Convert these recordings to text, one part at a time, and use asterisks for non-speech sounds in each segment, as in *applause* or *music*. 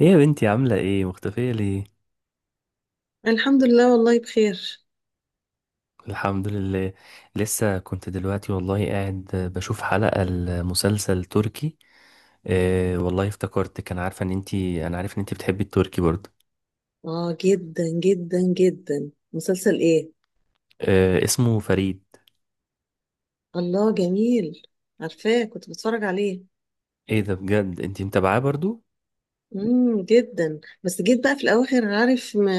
ايه يا بنتي؟ عاملة ايه؟ مختفية ليه؟ الحمد لله، والله بخير. الحمد لله. لسه كنت دلوقتي والله قاعد بشوف حلقة المسلسل تركي. آه والله افتكرت كان عارفة ان انتي انا عارف ان انتي بتحبي التركي برضه. اه، جدا جدا جدا. مسلسل ايه؟ آه اسمه فريد. الله، جميل. عارفاه، كنت بتفرج عليه. ايه ده؟ بجد انتي متابعاه برضه؟ امم، جدا. بس جيت بقى في الاواخر، عارف؟ ما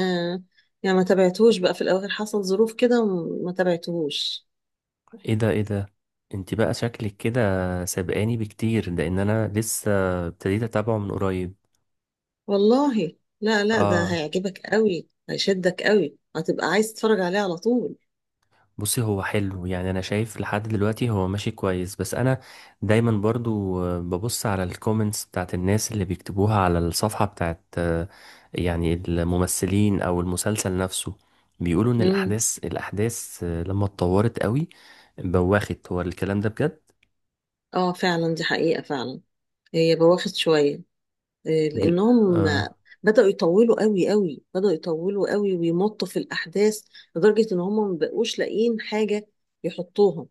يعني ما تابعتهوش بقى في الاواخر، حصل ظروف كده وما تابعتهوش. ايه ده ايه ده، انتي بقى شكلك كده سابقاني بكتير لان انا لسه ابتديت اتابعه من قريب. والله، لا، لا، ده اه، هيعجبك قوي، هيشدك قوي، هتبقى عايز تتفرج عليه على طول. بصي هو حلو، يعني انا شايف لحد دلوقتي هو ماشي كويس، بس انا دايما برضو ببص على الكومنتس بتاعت الناس اللي بيكتبوها على الصفحة بتاعت يعني الممثلين او المسلسل نفسه. بيقولوا ان امم. الاحداث لما اتطورت قوي. بواخت هو الكلام ده بجد؟ اه، فعلا، دي حقيقة فعلا. هي بواخد شوية. ل- لانهم آه. بدأوا يطولوا قوي قوي، بدأوا يطولوا قوي ويمطوا في الأحداث، لدرجة إن هم ما بقوش لاقيين حاجة يحطوها.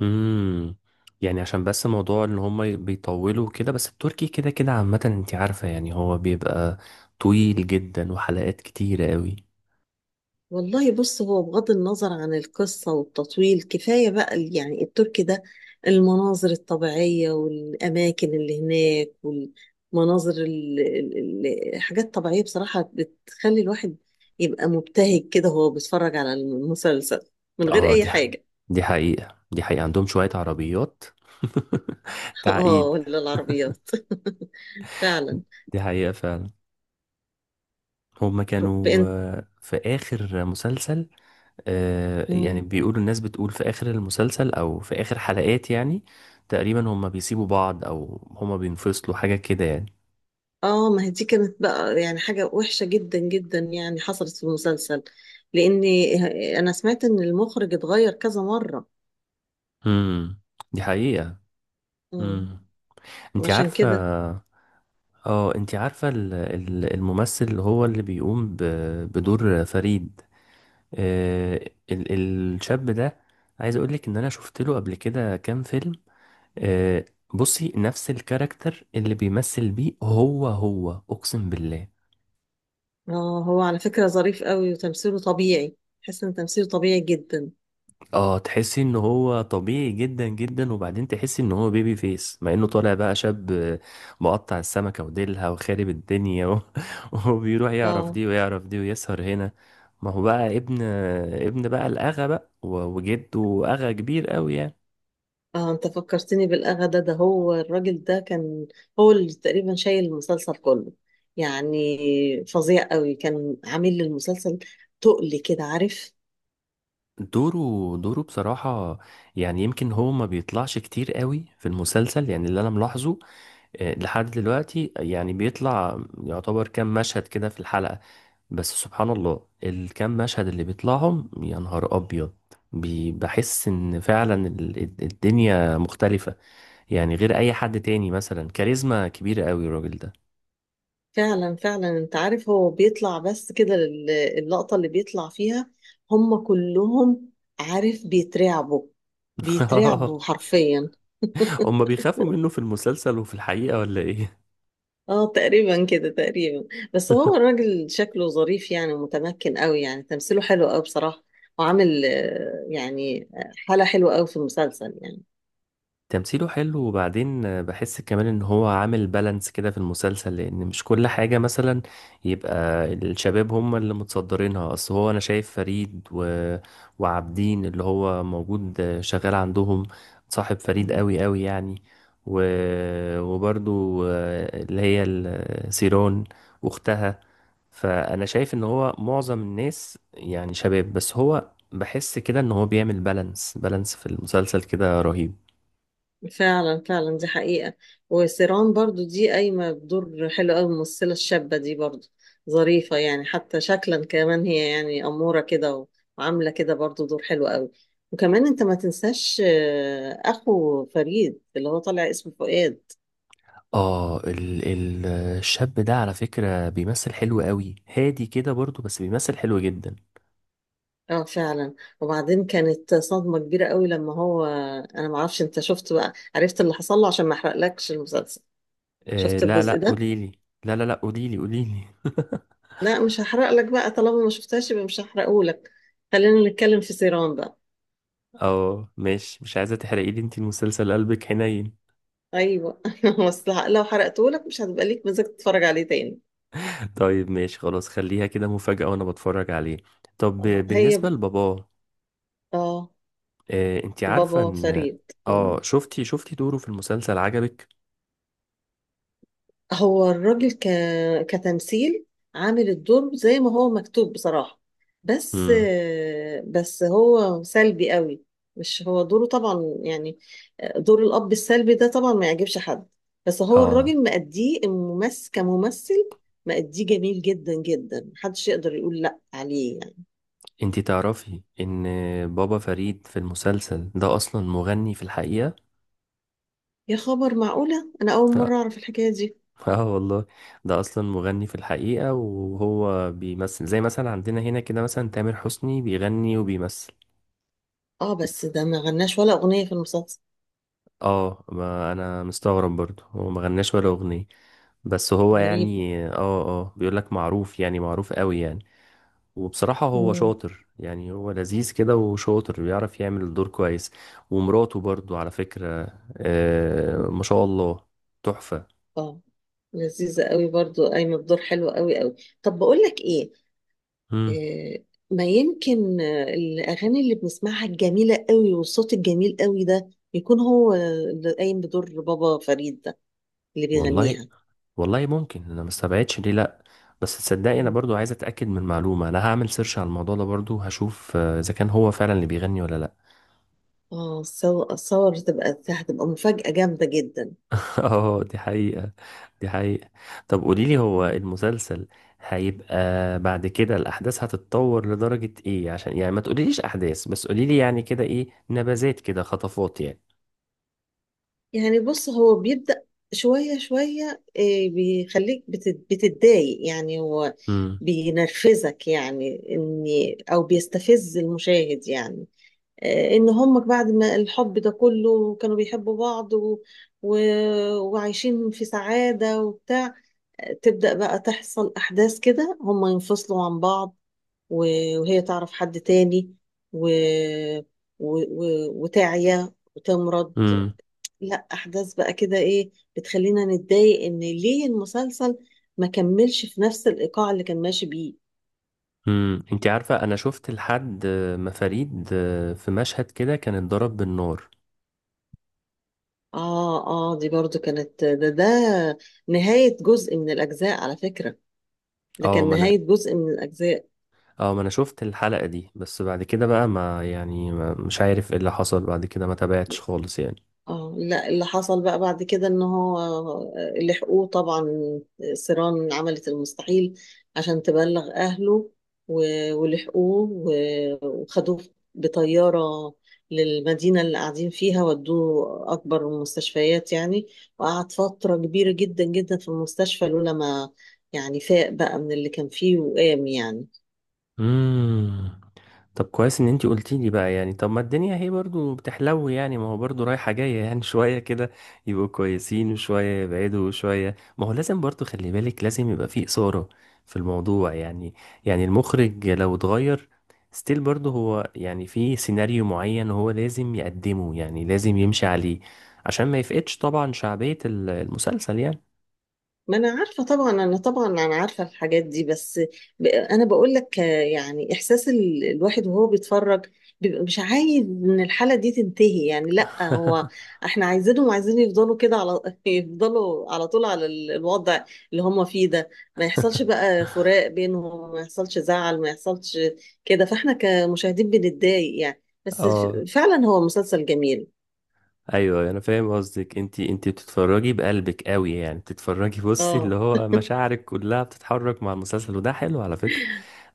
امم. يعني عشان بس موضوع ان هم بيطولوا كده، بس التركي كده كده عامة انت عارفة، يعني هو بيبقى طويل جدا وحلقات كتيرة قوي. والله بص، هو بغض النظر عن القصة والتطويل، كفاية بقى يعني التركي ده، المناظر الطبيعية والأماكن اللي هناك، والمناظر الحاجات الطبيعية بصراحة بتخلي الواحد يبقى مبتهج كده وهو بيتفرج على المسلسل من غير اه أي حاجة. دي حقيقة، دي حقيقة عندهم شوية عربيات. *laughs* اه، تعقيد. ولا العربيات. *laughs* فعلا. دي حقيقة فعلا. هما كانوا بإن... في آخر مسلسل، يعني مم. بيقولوا، الناس بتقول في آخر المسلسل أو في آخر حلقات يعني تقريبا هما بيسيبوا بعض أو هما بينفصلوا حاجة كده يعني. اه، ما هي دي كانت بقى يعني حاجة وحشة جدا جدا، يعني حصلت في المسلسل. لأني، أنا سمعت إن المخرج اتغير كذا مرة. امم. دي حقيقة. مم. امم. انت عشان عارفة، كده. اه انت عارفة الممثل اللي بيقوم بدور فريد، آه، ال- الشاب ده، عايز اقول لك ان انا شفت له قبل كده كام فيلم. آه، بصي، نفس الكاركتر اللي بيمثل بيه، هو اقسم بالله. اه، هو على فكرة ظريف قوي، وتمثيله طبيعي. تحس إن تمثيله طبيعي جدا. اه، تحسي ان هو طبيعي جدا جدا، وبعدين تحسي ان هو بيبي فيس مع انه طالع بقى شاب. مقطع السمكة وديلها وخارب الدنيا و... *laughs* وبيروح يعرف اه، دي ويعرف دي ويسهر هنا. ما هو بقى ابن بقى الأغا بقى وجده أغا كبير قوي يعني. اه، انت فكرتني بالاغا ده هو الراجل ده كان هو اللي تقريبا شايل المسلسل كله. يعني، فظيع قوي كان عامل للمسلسل، تقل كده، عارف؟ دوره دوره بصراحة، يعني يمكن هو ما بيطلعش كتير قوي في المسلسل، يعني اللي أنا ملاحظه لحد دلوقتي، يعني بيطلع يعتبر كام مشهد كده في الحلقة، بس سبحان الله الكام مشهد اللي بيطلعهم يا نهار أبيض. بحس إن فعلا الدنيا مختلفة، يعني غير أي حد تاني، مثلا كاريزما كبيرة قوي الراجل ده. فعلا، فعلا، انت عارف، هو بيطلع بس كده اللقطة اللي بيطلع فيها هم كلهم، عارف؟ بيترعبوا، بيترعبوا *laughs* حرفيا. هما بيخافوا منه في المسلسل وفي الحقيقة ولا إيه؟ اه، تقريبا كده، تقريبا. بس هو *laughs* الراجل شكله ظريف يعني، ومتمكن قوي يعني، تمثيله حلو قوي بصراحة. وعامل يعني حالة حلوة قوي في المسلسل يعني. تمثيله حلو، وبعدين بحس كمان ان هو عامل بالانس كده في المسلسل، لان مش كل حاجة مثلا يبقى الشباب هم اللي متصدرينها، اصل هو انا شايف فريد وعابدين اللي هو موجود شغال عندهم، صاحب فريد مم. قوي قوي يعني، و... وبرضو اللي هي سيرون واختها. فانا شايف ان هو معظم الناس يعني شباب، بس هو بحس كده ان هو بيعمل بالانس بالانس في المسلسل كده رهيب. فعلا، فعلا، دي حقيقة. وسيران برضو دي قايمة بدور حلو قوي، الممثلة الشابة دي برضو ظريفة يعني، حتى شكلا كمان هي يعني أمورة كده، وعاملة كده برضو دور حلو قوي. وكمان انت ما تنساش أخو فريد اللي هو طالع اسمه فؤاد. اه ال ال الشاب ده على فكرة بيمثل حلو قوي، هادي كده برضو، بس بيمثل حلو جدا. اه، فعلا. وبعدين كانت صدمة كبيرة قوي لما هو، انا ما اعرفش، انت شفت بقى؟ عرفت اللي حصل له؟ عشان ما احرقلكش المسلسل. آه، شفت لا الجزء لا ده؟ قوليلي. لا لا لا، قوليلي قوليلي. *laughs* لا، مش هحرق لك بقى، طالما ما شفتهاش يبقى مش هحرقه لك. خلينا نتكلم في سيران بقى. اه ماشي، مش عايزة تحرقي لي انت المسلسل، قلبك حنين. ايوه. *laughs* بس لو حرقته لك مش هتبقى ليك مزاج تتفرج عليه تاني. *laughs* طيب ماشي خلاص، خليها كده مفاجأة وانا بتفرج عليه. طب اه، بالنسبة لباباه، اه، انت عارفة بابا ان، فريد. مم. اه شفتي دوره في المسلسل عجبك؟ هو الراجل ك... كتمثيل، عامل الدور زي ما هو مكتوب بصراحة. بس امم. بس هو سلبي قوي، مش هو دوره طبعا يعني، دور الأب السلبي ده طبعا ما يعجبش حد. بس هو اه الراجل مأديه، الممثل كممثل مأديه جميل جدا جدا، محدش يقدر يقول لأ عليه يعني. انت تعرفي ان بابا فريد في المسلسل ده اصلا مغني في الحقيقة. يا خبر، معقولة؟ أنا أول اه. مرة أعرف الحكاية دي. آه والله، ده اصلا مغني في الحقيقة، وهو بيمثل زي مثلا عندنا هنا كده، مثلا تامر حسني بيغني وبيمثل. اه، بس ده ما غناش ولا أغنية في المسلسل. اه، ما انا مستغرب برضه، هو ما غناش ولا اغنية، بس هو غريب. يعني، بيقولك معروف يعني، معروف قوي يعني. وبصراحة هو مم. شاطر يعني، هو لذيذ كده وشاطر، بيعرف يعمل الدور كويس. ومراته برضه على فكرة، آه ما شاء الله، تحفة. اه، لذيذة قوي برضو، قايمة بدور حلو قوي قوي. طب بقول لك ايه، مم. آه، ما يمكن الأغاني اللي بنسمعها الجميلة قوي والصوت الجميل قوي ده يكون هو اللي قايم بدور بابا فريد ده، اللي والله، بيغنيها. والله ممكن، انا ما استبعدش ليه، لا. بس تصدقي انا مم. برضو عايز اتاكد من معلومه، انا هعمل سيرش على الموضوع ده برضو، هشوف اذا كان هو فعلا اللي بيغني ولا لا. اه، صور صور، تبقى هتبقى مفاجأة جامدة جدا. *laughs* اه دي حقيقه، دي حقيقه. طب قولي لي، هو المسلسل هيبقى بعد كده الاحداث هتتطور لدرجه ايه؟ عشان يعني ما تقوليليش احداث، بس قولي لي يعني كده ايه، نبذات كده، خطفات يعني. يعني بص، هو بيبدأ شوية شوية، إيه، بيخليك بتتضايق يعني، هو امم، بينرفزك يعني إني، أو بيستفز المشاهد يعني. إن هم بعد ما الحب ده كله كانوا بيحبوا بعض و... وعايشين في سعادة وبتاع. تبدأ بقى تحصل أحداث كده هم ينفصلوا عن بعض، و... وهي تعرف حد تاني، و... وتعيا وتمرض. امم، لا، احداث بقى كده ايه، بتخلينا نتضايق ان ليه المسلسل ما كملش في نفس الايقاع اللي كان ماشي بيه. امم. انت عارفه انا شفت لحد ما فريد في مشهد كده كان اتضرب بالنار. اه، اه، دي برضو كانت، ده نهاية جزء من الاجزاء على فكرة. ده اه كان ما انا نهاية جزء من الاجزاء. اه ما انا شفت الحلقة دي، بس بعد كده بقى، ما يعني، ما مش عارف ايه اللي حصل بعد كده، ما تابعتش خالص يعني. اه، لا، اللي حصل بقى بعد كده ان هو لحقوه طبعا. سيران عملت المستحيل عشان تبلغ اهله، ولحقوه وخدوه بطيارة للمدينة اللي قاعدين فيها، ودوه أكبر المستشفيات يعني. وقعد فترة كبيرة جدا جدا في المستشفى، لولا ما يعني فاق بقى من اللي كان فيه وقام يعني. امم. طب كويس ان انتي قلتي لي بقى، يعني طب ما الدنيا هي برضو بتحلو يعني، ما هو برضو رايحة جاية يعني، *laughs* شوية كده يبقوا كويسين، وشوية يبعدوا، وشوية، ما هو لازم برضو، خلي بالك، لازم يبقى فيه إثارة في الموضوع يعني. يعني المخرج لو اتغير ستيل برضو هو يعني، في سيناريو معين هو لازم يقدمه، يعني لازم يمشي عليه عشان ما يفقدش طبعا شعبية المسلسل يعني. ما انا عارفه طبعا، انا طبعا، انا عارفه الحاجات دي، بس انا بقول لك يعني احساس الواحد وهو بيتفرج، بيبقى مش عايز ان الحاله دي تنتهي يعني. لا، هو *laughs* احنا عايزينهم، عايزين يفضلوا كده على *laughs* يفضلوا على طول على الوضع اللي هم فيه ده، ما يحصلش بقى فراق بينهم، ما يحصلش زعل، ما يحصلش كده، فاحنا كمشاهدين بنتضايق يعني. بس اه فعلا هو مسلسل جميل. ايوه، أيوه، انا فاهم قصدك، انت بتتفرجي بقلبك قوي، يعني بتتفرجي بصي، اللي اه، هو مشاعرك كلها بتتحرك مع المسلسل، وده حلو على فكره.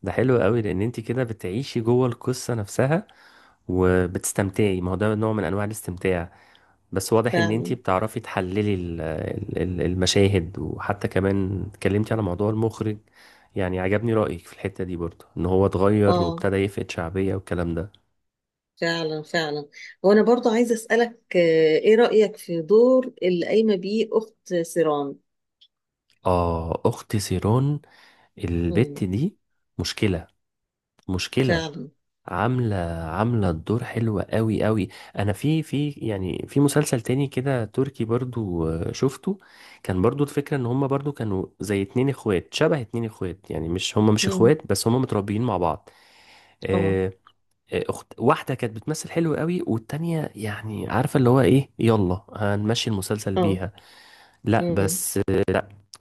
ده حلو قوي لان انت كده بتعيشي جوه القصه نفسها وبتستمتعي، ما هو ده نوع من انواع الاستمتاع. بس واضح ان انت فعلا. بتعرفي تحللي المشاهد، وحتى كمان اتكلمتي على موضوع المخرج، يعني عجبني رأيك في الحتة دي برضه، ان هو اتغير اه، وابتدى يفقد شعبية والكلام ده. فعلا، فعلا. وانا برضو عايزه اسالك ايه رايك في دور اللي قايمه بيه اخت سيران؟ اه اخت سيرون، البت امم. دي، مشكلة، مشكلة، فعلا. عاملة، عاملة الدور حلوة قوي قوي. انا في يعني في مسلسل تاني كده تركي برضو، شفته، كان برضو الفكرة ان هما برضو كانوا زي اتنين اخوات، شبه اتنين اخوات، يعني مش هما، مش امم. اخوات، بس هما متربيين مع بعض. اه، آه، اخت واحدة كانت بتمثل حلو قوي، والتانية يعني عارفة اللي هو ايه، يلا هنمشي المسلسل اه. بيها. لا امم. بس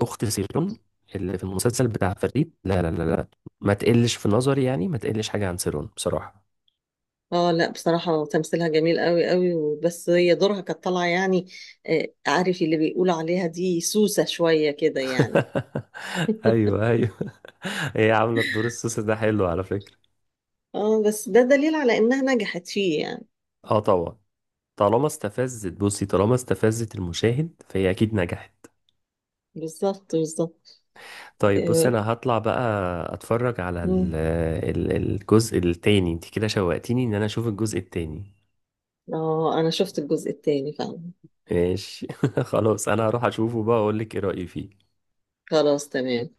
اخت سيرون اللي في المسلسل بتاع فريد، لا لا لا لا، ما تقلش في نظري، يعني ما تقلش حاجة عن سيرون بصراحة. اه، لا، بصراحه تمثيلها جميل قوي قوي، بس هي دورها كانت طالعه يعني، عارف اللي بيقولوا عليها دي سوسه شويه كده يعني. *laughs* ايوه *laughs* ايوه، هي عامله الدور السوسي ده حلو على فكره. اه، بس ده دليل على انها نجحت فيه يعني. اه طبعا، طالما استفزت، بصي طالما استفزت المشاهد فهي اكيد نجحت. بالظبط، بالظبط. طيب بصي، اه. انا هطلع بقى اتفرج على ال مم. ال الجزء التاني، انت كده شوقتيني ان انا اشوف الجزء التاني. انا شفت الجزء الثاني فعلا. ماشي، *laughs* خلاص انا هروح اشوفه بقى اقول لك ايه رايي فيه. خلاص، تمام.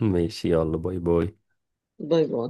ماشي، يلا باي باي. باي باي.